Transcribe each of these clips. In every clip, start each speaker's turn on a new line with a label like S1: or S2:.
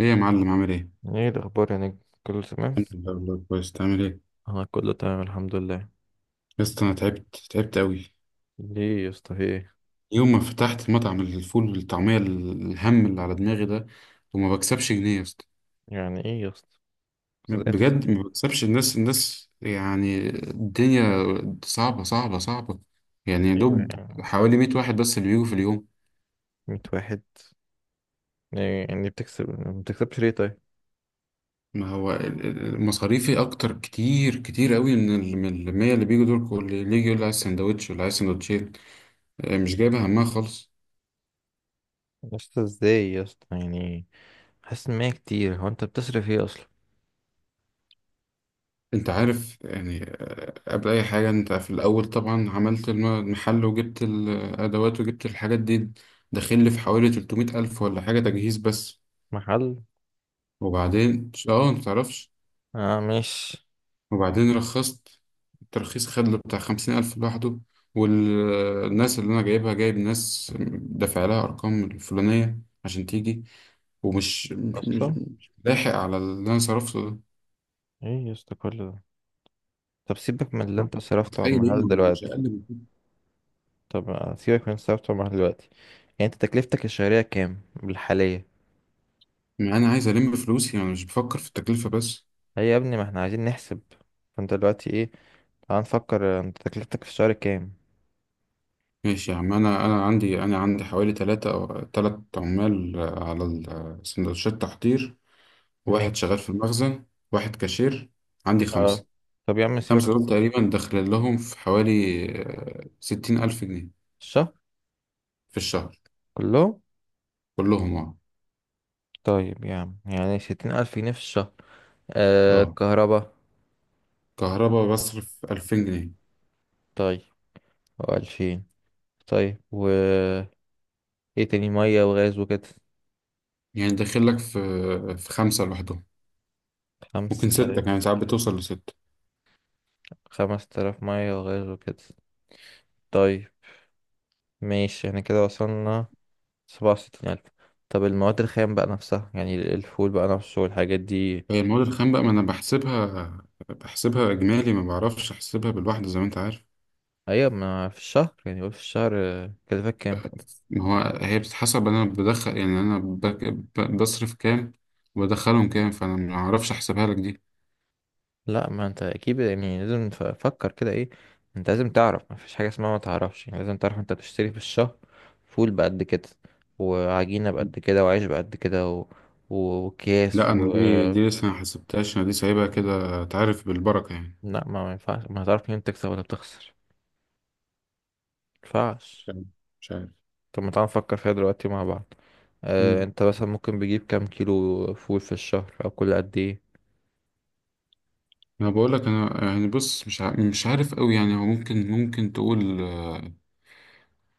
S1: ايه يا معلم عامل ايه؟
S2: ايه الاخبار يا نجم؟ كله تمام،
S1: الحمد لله والله كويس، تعمل ايه؟
S2: انا كله تمام الحمد لله.
S1: يا اسطى انا تعبت تعبت قوي.
S2: ليه يا اسطى؟ في ايه؟
S1: يوم ما فتحت مطعم الفول والطعمية الهم اللي على دماغي ده، وما بكسبش جنيه يا اسطى.
S2: يعني ايه يا اسطى؟ ازاي تكسب؟
S1: بجد ما بكسبش، الناس يعني الدنيا صعبة صعبة صعبة. يعني يا
S2: ايوه
S1: دوب
S2: يعني.
S1: حوالي 100 واحد بس اللي بيجوا في اليوم.
S2: 100 واحد؟ إيه يعني بتكسب ما بتكسبش ليه طيب؟
S1: ما هو مصاريفي اكتر كتير كتير قوي من ال 100 اللي بيجوا دول. كل اللي يجي يقول لي عايز سندوتش ولا عايز سندوتشين، مش جايبة همها خالص.
S2: يا اسطى ازاي يا اسطى يعني؟ حاسس ان هي كتير، هو انت بتصرف ايه اصلا؟
S1: انت عارف يعني قبل اي حاجة انت في الاول طبعا عملت المحل، وجبت الادوات وجبت الحاجات دي. داخل لي في حوالي 300 الف ولا حاجة تجهيز بس.
S2: محل؟
S1: وبعدين انت متعرفش.
S2: اه مش
S1: وبعدين رخصت، الترخيص خد له بتاع 50000 الف لوحده. والناس اللي انا جايبها، جايب ناس دافع لها ارقام الفلانية عشان تيجي، ومش مش مش
S2: اصلا.
S1: مش لاحق على اللي انا صرفته ده.
S2: ايه يا اسطى كل ده؟ طب سيبك من اللي انت
S1: انت
S2: صرفته على
S1: متخيل ايه؟
S2: المحل
S1: مش
S2: دلوقتي.
S1: اقل.
S2: طب سيبك من اللي انت صرفته على المحل دلوقتي. يعني انت تكلفتك الشهرية كام بالحالية؟
S1: انا عايز فلوسي، انا مش بفكر في التكلفه بس.
S2: هي يا ابني ما احنا عايزين نحسب. فانت دلوقتي ايه؟ تعال نفكر. انت تكلفتك في الشهر كام؟
S1: ماشي يا عم، انا عندي حوالي ثلاثة او ثلاث عمال على سندوتشات تحضير، واحد شغال
S2: ماشي.
S1: في المخزن، واحد كاشير. عندي
S2: اه
S1: خمسة.
S2: طب يا عم سيبك.
S1: خمسة دول تقريبا داخل لهم في حوالي 60000 جنيه
S2: الشهر
S1: في الشهر
S2: كله؟
S1: كلهم، اه.
S2: طيب يا عم يعني ستين ألف جنيه في الشهر. آه
S1: اه،
S2: كهربا.
S1: كهرباء بصرف 2000 جنيه.
S2: طيب. وألفين. طيب و ايه تاني؟ مية وغاز وكده؟
S1: يعني داخل لك في خمسة لوحدهم،
S2: خمس
S1: ممكن ستة،
S2: تلاف.
S1: يعني ساعات بتوصل لستة.
S2: خمس تلاف مية وغاز وكده. طيب ماشي، احنا كده وصلنا سبعة وستين ألف. طب المواد الخام بقى نفسها، يعني الفول بقى نفسه والحاجات دي؟
S1: هي المواد الخام بقى ما انا بحسبها اجمالي، ما بعرفش احسبها بالواحده زي ما انت عارف.
S2: أيوة، ما في الشهر يعني، قول في الشهر، كلفك كام كده؟
S1: ما هو هي بتتحسب، انا بدخل يعني انا بصرف كام وبدخلهم كام، فانا ما اعرفش احسبها لك دي.
S2: لا ما انت اكيد يعني لازم فكر كده. ايه؟ انت لازم تعرف، ما فيش حاجه اسمها ما تعرفش، يعني لازم تعرف انت بتشتري في الشهر فول بقد كده وعجينه بقد كده وعيش بقد كده وكياس
S1: لا انا
S2: و...
S1: دي لسه ما حسبتهاش، انا دي سايبها كده تعرف بالبركه يعني.
S2: لا ما ينفعش، ما هتعرف منين تكسب ولا بتخسر؟ ما
S1: مش
S2: ينفعش.
S1: عارف، مش عارف.
S2: طب ما تعال نفكر فيها دلوقتي مع بعض. اه
S1: امم
S2: انت مثلا ممكن بيجيب كام كيلو فول في الشهر او كل قد ايه؟
S1: انا بقول لك، انا يعني بص، مش عارف قوي يعني. هو ممكن تقول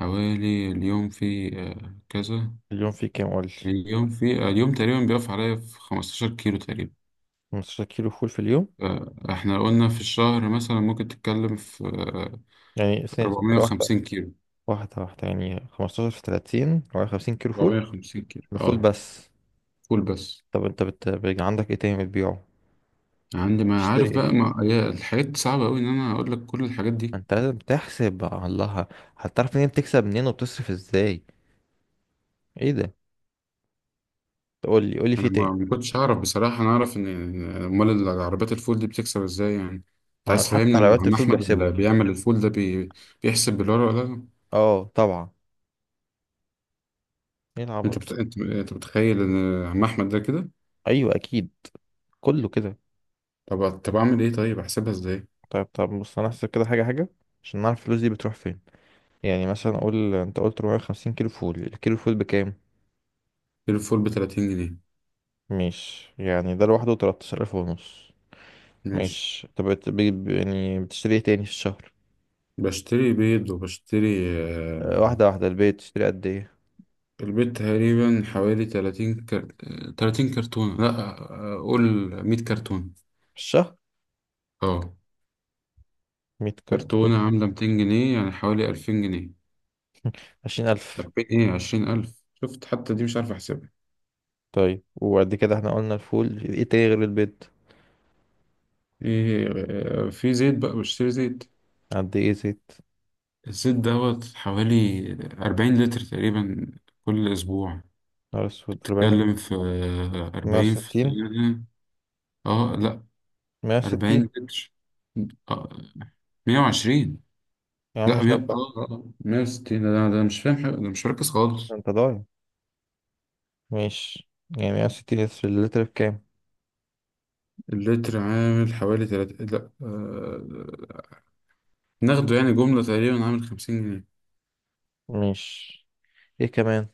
S1: حوالي اليوم في كذا.
S2: اليوم فيه كام قول لي.
S1: اليوم تقريبا بيقف عليا في 15 كيلو تقريبا.
S2: 15 كيلو فول في اليوم؟
S1: احنا قلنا في الشهر مثلا ممكن تتكلم في
S2: يعني سنة. واحدة
S1: 450 كيلو.
S2: واحدة يعني 15 في 30 و 50 كيلو فول.
S1: 450 كيلو
S2: ده فول
S1: اه،
S2: بس؟
S1: فول بس.
S2: طب انت بيبقى عندك ايه تاني بتبيعه.
S1: عندي ما
S2: تشتري
S1: عارف
S2: ايه؟
S1: بقى، ما هي الحاجات دي صعبة أوي إن أنا أقول لك كل الحاجات دي.
S2: انت لازم تحسب بقى. الله. هتعرف منين بتكسب منين وبتصرف ازاي؟ ايه ده؟ تقول لي، قول لي في
S1: أنا ما
S2: تاني.
S1: ما كنتش أعرف بصراحة، أنا أعرف إن أمال العربيات الفول دي بتكسب إزاي يعني. أنت
S2: ما
S1: عايز
S2: حتى
S1: تفهمني
S2: على
S1: إن
S2: وقت
S1: عم
S2: الفول
S1: أحمد
S2: بيحسبه.
S1: اللي بيعمل الفول ده بيحسب بالورقة ولا لا؟
S2: اه طبعا. ايه العبط؟
S1: أنت متخيل إن عم أحمد ده كده؟
S2: ايوه اكيد. كله كده.
S1: طب أعمل إيه طيب؟ أحسبها إزاي؟
S2: طيب طب بص، انا هحسب كده حاجة حاجة عشان نعرف الفلوس دي بتروح فين. يعني مثلا اقول انت قلت 450 كيلو فول، الكيلو فول بكام؟
S1: الفول ب 30 جنيه.
S2: مش يعني ده لوحده 13000 ونص؟
S1: ماشي،
S2: ماشي. طب يعني بتشتري ايه تاني في الشهر؟
S1: بشتري بيض وبشتري آه،
S2: واحدة واحدة. البيت تشتري قد ايه؟
S1: البيض تقريبا حوالي 30 كرتونة، لا قول 100 كرتونة،
S2: في الشهر؟
S1: اه.
S2: مية كرتون.
S1: كرتونة عاملة 200 جنيه يعني حوالي 2000 جنيه.
S2: عشرين ألف.
S1: 2000 ايه، 20000. شفت؟ حتى دي مش عارف احسبها.
S2: طيب، وقد كده احنا قلنا الفول، ايه تاني غير البيت؟
S1: ايه، في زيت بقى، بشتري زيت.
S2: قد ايه زيت؟
S1: الزيت دوت حوالي 40 لتر تقريبا كل اسبوع.
S2: نهار أسود، أربعين؟
S1: بتتكلم في
S2: مية
S1: 40 في
S2: وستين.
S1: تقريبا، اه لا،
S2: مية
S1: 40
S2: وستين.
S1: لتر آه، 120.
S2: يا عم
S1: لا
S2: مش
S1: مية،
S2: أربعة؟
S1: 160. ده مش فاهم حاجة، ده مش مركز خالص.
S2: أنت ضايع. ماشي. يعني مية وستين لتر، اللتر بكام؟
S1: اللتر عامل حوالي تلات، لا ناخده يعني جملة تقريبا عامل 50 جنيه.
S2: ماشي، ايه كمان؟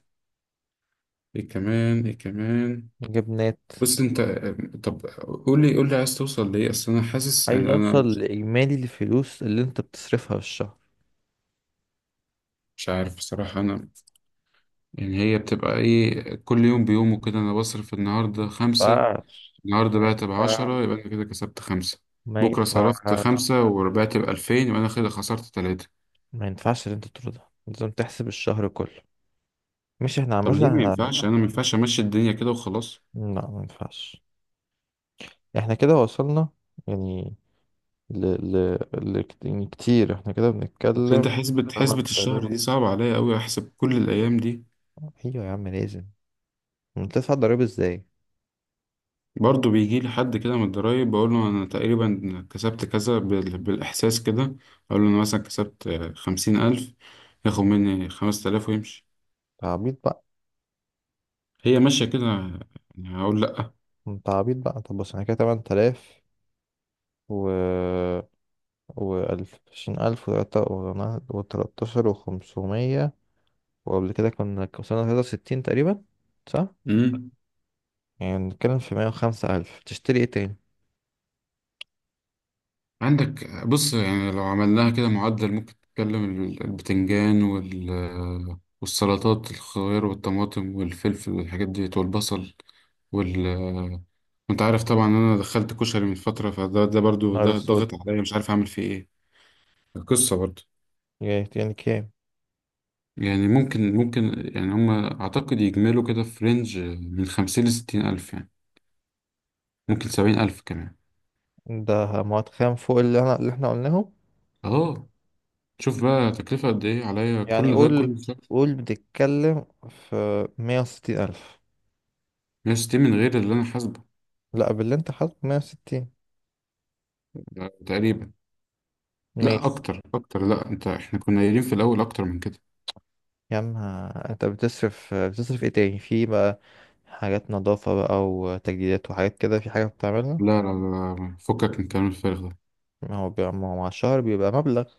S1: ايه كمان؟ ايه كمان؟
S2: جبنات؟
S1: بص انت طب قول لي عايز توصل لإيه؟ اصل انا حاسس
S2: عايز
S1: ان انا
S2: أوصل
S1: مش،
S2: لإجمالي الفلوس اللي أنت بتصرفها في الشهر.
S1: مش عارف بصراحة انا. يعني هي بتبقى ايه؟ كل يوم بيومه كده انا بصرف النهاردة خمسة،
S2: مينفعش.
S1: النهاردة بعت
S2: ما ينفعش.
S1: بعشرة يبقى انا كده كسبت خمسة.
S2: ما
S1: بكرة صرفت
S2: ينفعش.
S1: خمسة وربحت ب2000 يبقى أنا كده خسرت تلاتة.
S2: ما ينفعش اللي انت تقوله ده، لازم تحسب الشهر كله. مش احنا عامة
S1: طب ليه ما
S2: احنا...
S1: ينفعش؟ انا ما ينفعش امشي الدنيا كده وخلاص؟
S2: لا ما ينفعش. احنا كده وصلنا يعني ل... يعني كتير احنا كده
S1: اصل انت،
S2: بنتكلم.
S1: حسبة الشهر دي
S2: 8000.
S1: صعبة عليا قوي، احسب كل الايام دي.
S2: ايوه يا عم لازم. انت تدفع ضريبة ازاي انت؟
S1: برضه بيجي لي حد كده من الضرايب بقول له انا تقريبا كسبت كذا بالاحساس كده. اقول له انا مثلا كسبت 50000، ياخد مني 5000 ويمشي.
S2: عبيط بقى.
S1: هي ماشية كده يعني، هقول لأ؟
S2: انت عبيط بقى. طب بص احنا كده 8000 و... وألف، عشرين ألف، وتلاتة وتلاتاشر وخمسمية، وقبل كده كنا وصلنا تلاتة وستين تقريبا. صح؟
S1: مم.
S2: يعني بنتكلم في مية وخمسة ألف. تشتري ايه تاني؟
S1: عندك بص، يعني لو عملناها كده معدل ممكن تتكلم البتنجان والسلطات، الخيار والطماطم والفلفل والحاجات دي والبصل وال انت عارف طبعا ان انا دخلت كشري من فترة، فده برضو
S2: نهار
S1: ده ضاغط
S2: اسود.
S1: عليا مش عارف اعمل فيه ايه، القصة برضو.
S2: يعني يعني كام؟
S1: يعني ممكن يعني هما اعتقد يجملوا كده في رينج من خمسين لستين الف يعني، ممكن 70000 كمان.
S2: ده مواد خام فوق اللي اللي احنا قلناه.
S1: اه، شوف بقى تكلفة قد ايه عليا
S2: يعني
S1: كل ده
S2: قول،
S1: كل شهر.
S2: قول بتتكلم في مية وستين ألف.
S1: 160 من غير اللي انا حاسبه
S2: لا، باللي انت حاطه مية وستين.
S1: ده تقريبا. لا
S2: ماشي
S1: اكتر اكتر، لا انت، احنا كنا قايلين في الاول اكتر من كده.
S2: يا عم. انت بتصرف ايه تاني في بقى؟ حاجات نظافة بقى وتجديدات وحاجات كده، في حاجة بتعملها؟
S1: لا لا لا، فكك من الكلام الفارغ ده.
S2: ما هو بيبقى، ما هو مع الشهر بيبقى مبلغ.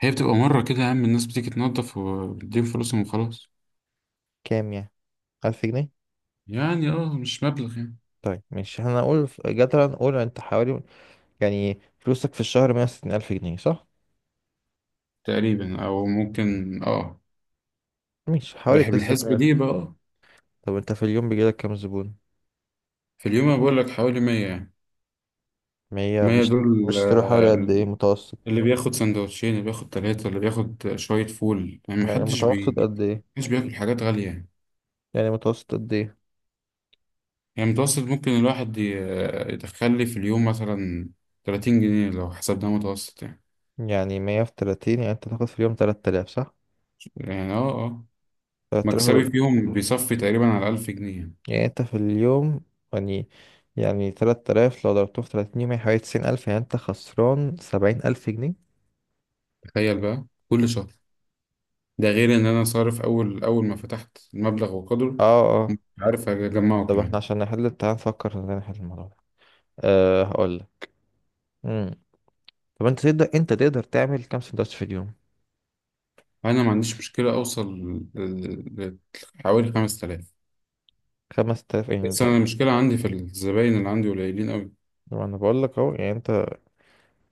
S1: هي بتبقى مرة كده يا عم، الناس بتيجي تنظف وبتديهم فلوسهم وخلاص.
S2: كام يعني؟ ألف جنيه؟
S1: يعني اه، مش مبلغ يعني.
S2: طيب ماشي، هنقول جدلا نقول انت حوالي، يعني فلوسك في الشهر مية وستين ألف جنيه صح؟
S1: تقريبا او ممكن، اه.
S2: ماشي، حوالي
S1: بحب
S2: تصرف
S1: الحسبة
S2: مية.
S1: دي بقى، اه.
S2: طب انت في اليوم بيجيلك كام زبون؟
S1: في اليوم انا بقول لك حوالي 100 يعني.
S2: ما هي
S1: 100
S2: بيشت-
S1: دول
S2: بيشتروا حوالي قد ايه متوسط؟
S1: اللي بياخد سندوتشين، اللي بياخد ثلاثة، اللي بياخد شوية فول. يعني
S2: يعني
S1: محدش
S2: متوسط
S1: بيجي،
S2: قد ايه؟
S1: محدش بياكل حاجات غالية يعني.
S2: يعني متوسط قد ايه؟
S1: يعني متوسط ممكن الواحد يدخل لي في اليوم مثلا 30 جنيه لو حسبناه متوسط يعني.
S2: يعني مية في تلاتين، يعني انت تاخد في اليوم تلات آلاف صح؟
S1: يعني
S2: تلات
S1: مكسبي
S2: آلاف.
S1: فيهم بيصفي تقريبا على 1000 جنيه يعني.
S2: يعني انت في اليوم، يعني، يعني تلات آلاف لو ضربته في تلاتين يوم يعني حوالي تسعين ألف، يعني انت خسران سبعين ألف جنيه؟
S1: تخيل بقى كل شهر، ده غير ان انا صارف اول اول ما فتحت المبلغ
S2: اه
S1: وقدره،
S2: اه.
S1: مش عارف اجمعه
S2: طب احنا
S1: كمان.
S2: عشان نحل، تعال نفكر ازاي نحل الموضوع ده. أه هقولك. مم. طب انت تقدر، انت تقدر تعمل كام سندوتش في اليوم؟
S1: انا ما عنديش مشكله اوصل ل- ل- حوالي 5000.
S2: خمس تلاف يعني
S1: بس
S2: ده؟
S1: انا المشكله عندي في الزباين، اللي عندي قليلين قوي.
S2: ما انا بقولك اهو. يعني انت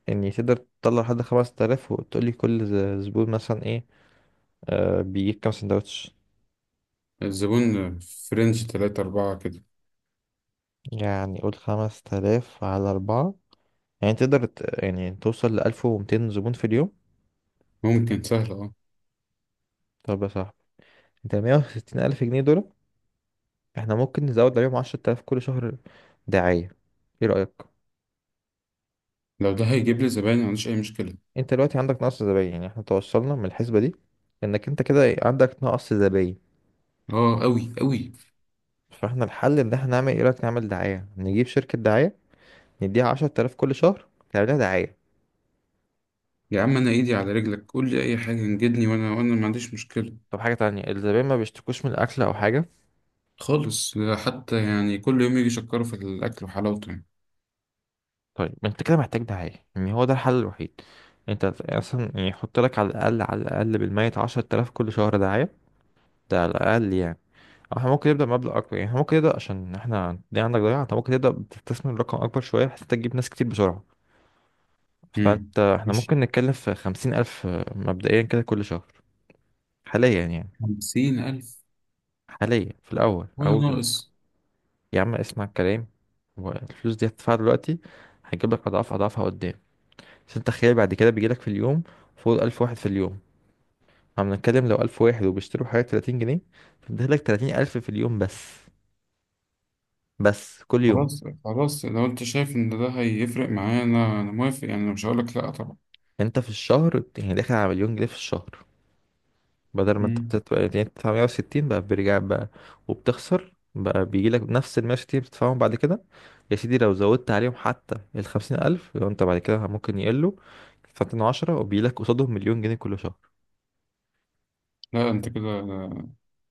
S2: يعني تقدر تطلع لحد 5000 وتقولي كل زبون مثلا ايه، بيجيب كام سندوتش.
S1: الزبون في رينج 3 4 كده.
S2: يعني قول 5000 على أربعة، يعني تقدر يعني توصل لألف ومتين زبون في اليوم.
S1: ممكن سهل، اه.
S2: طب يا صاحبي، انت مية وستين ألف جنيه دول، احنا ممكن نزود عليهم عشرة آلاف كل شهر دعاية. ايه رأيك؟
S1: لو ده هيجيب لي زباين ما عنديش اي مشكله.
S2: انت دلوقتي عندك نقص زباين، يعني احنا توصلنا من الحسبة دي انك انت كده عندك نقص زباين.
S1: اه قوي قوي.
S2: فاحنا الحل ان احنا نعمل، ايه رأيك نعمل دعاية، نجيب شركة دعاية نديها عشرة آلاف كل شهر تعملها دعاية.
S1: يا عم انا ايدي على رجلك قول لي اي حاجه انجدني، وانا ما عنديش مشكله
S2: طب حاجة تانية، الزبائن ما بيشتكوش من الأكل أو حاجة؟
S1: خالص. حتى يعني كل يوم يجي يشكروا في الاكل وحلاوته يعني.
S2: طيب، ما أنت كده محتاج دعاية، يعني هو ده الحل الوحيد. أنت أصلا يعني يحط لك على الأقل، على الأقل بالميت عشرة آلاف كل شهر دعاية. ده على الأقل يعني. أو احنا ممكن نبدأ مبلغ أكبر، يعني احنا ممكن نبدأ عشان احنا دي عندك ضياع، أنت ممكن تبدأ بتستثمر رقم أكبر شوية بحيث أنت تجيب ناس كتير بسرعة.
S1: امم
S2: فأنت احنا
S1: مش
S2: ممكن نتكلم في خمسين ألف مبدئيا كده كل شهر، حاليا يعني،
S1: 50000
S2: حاليا في الأول
S1: ولا ناقص؟
S2: يا عم اسمع الكلام. والفلوس دي هتدفعها دلوقتي، هيجيب لك أضعاف أضعافها قدام. عشان تخيل بعد كده بيجيلك في اليوم فوق ألف واحد في اليوم. عم نتكلم لو ألف واحد وبيشتروا حاجة تلاتين جنيه، فبيديلك تلاتين ألف في اليوم بس، بس كل يوم.
S1: خلاص خلاص، لو انت شايف ان ده هيفرق معايا انا موافق يعني، انا مش هقولك لا طبعا.
S2: انت في الشهر يعني داخل على مليون جنيه في الشهر، بدل ما انت
S1: مم.
S2: بتدفع، يعني بتدفع 160 بقى بيرجع بقى. وبتخسر بقى، بيجيلك نفس ال 160 اللي بتدفعهم بعد كده. يا سيدي لو زودت عليهم حتى ال 50000 لو انت بعد كده ممكن يقلوا فترة عشرة، وبيجيلك قصادهم مليون جنيه كل شهر.
S1: لا انت كده،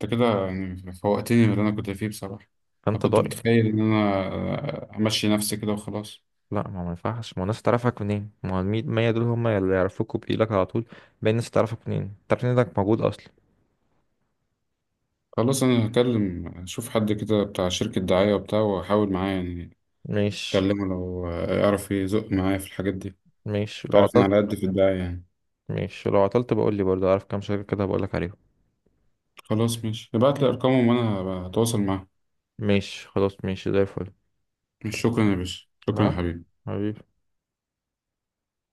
S1: يعني فوقتني من اللي انا كنت فيه بصراحة. انا
S2: فانت
S1: كنت
S2: ضايع.
S1: متخيل ان انا همشي نفسي كده وخلاص.
S2: لا ما ينفعش، ما هو الناس تعرفك منين؟ ما هو المية مية دول هم اللي يعرفوك وبيجيلك على طول. باقي الناس تعرفك منين؟ تعرف إن انك موجود اصلا؟
S1: خلاص، انا هكلم اشوف حد كده بتاع شركة دعاية وبتاع، واحاول معاه يعني.
S2: ماشي.
S1: اكلمه لو يعرف يزق معايا في الحاجات دي.
S2: ماشي لو
S1: تعرف انا
S2: عطلت.
S1: على قد في الدعاية يعني.
S2: ماشي لو عطلت بقول لي، برضه اعرف كام شركة كده بقول لك عليهم.
S1: خلاص ماشي، ابعت لي ارقامهم وانا هتواصل معاه.
S2: ماشي خلاص، ماشي زي الفل.
S1: شكرا يا باشا، شكرا يا
S2: لا.
S1: حبيبي.
S2: حبيبي.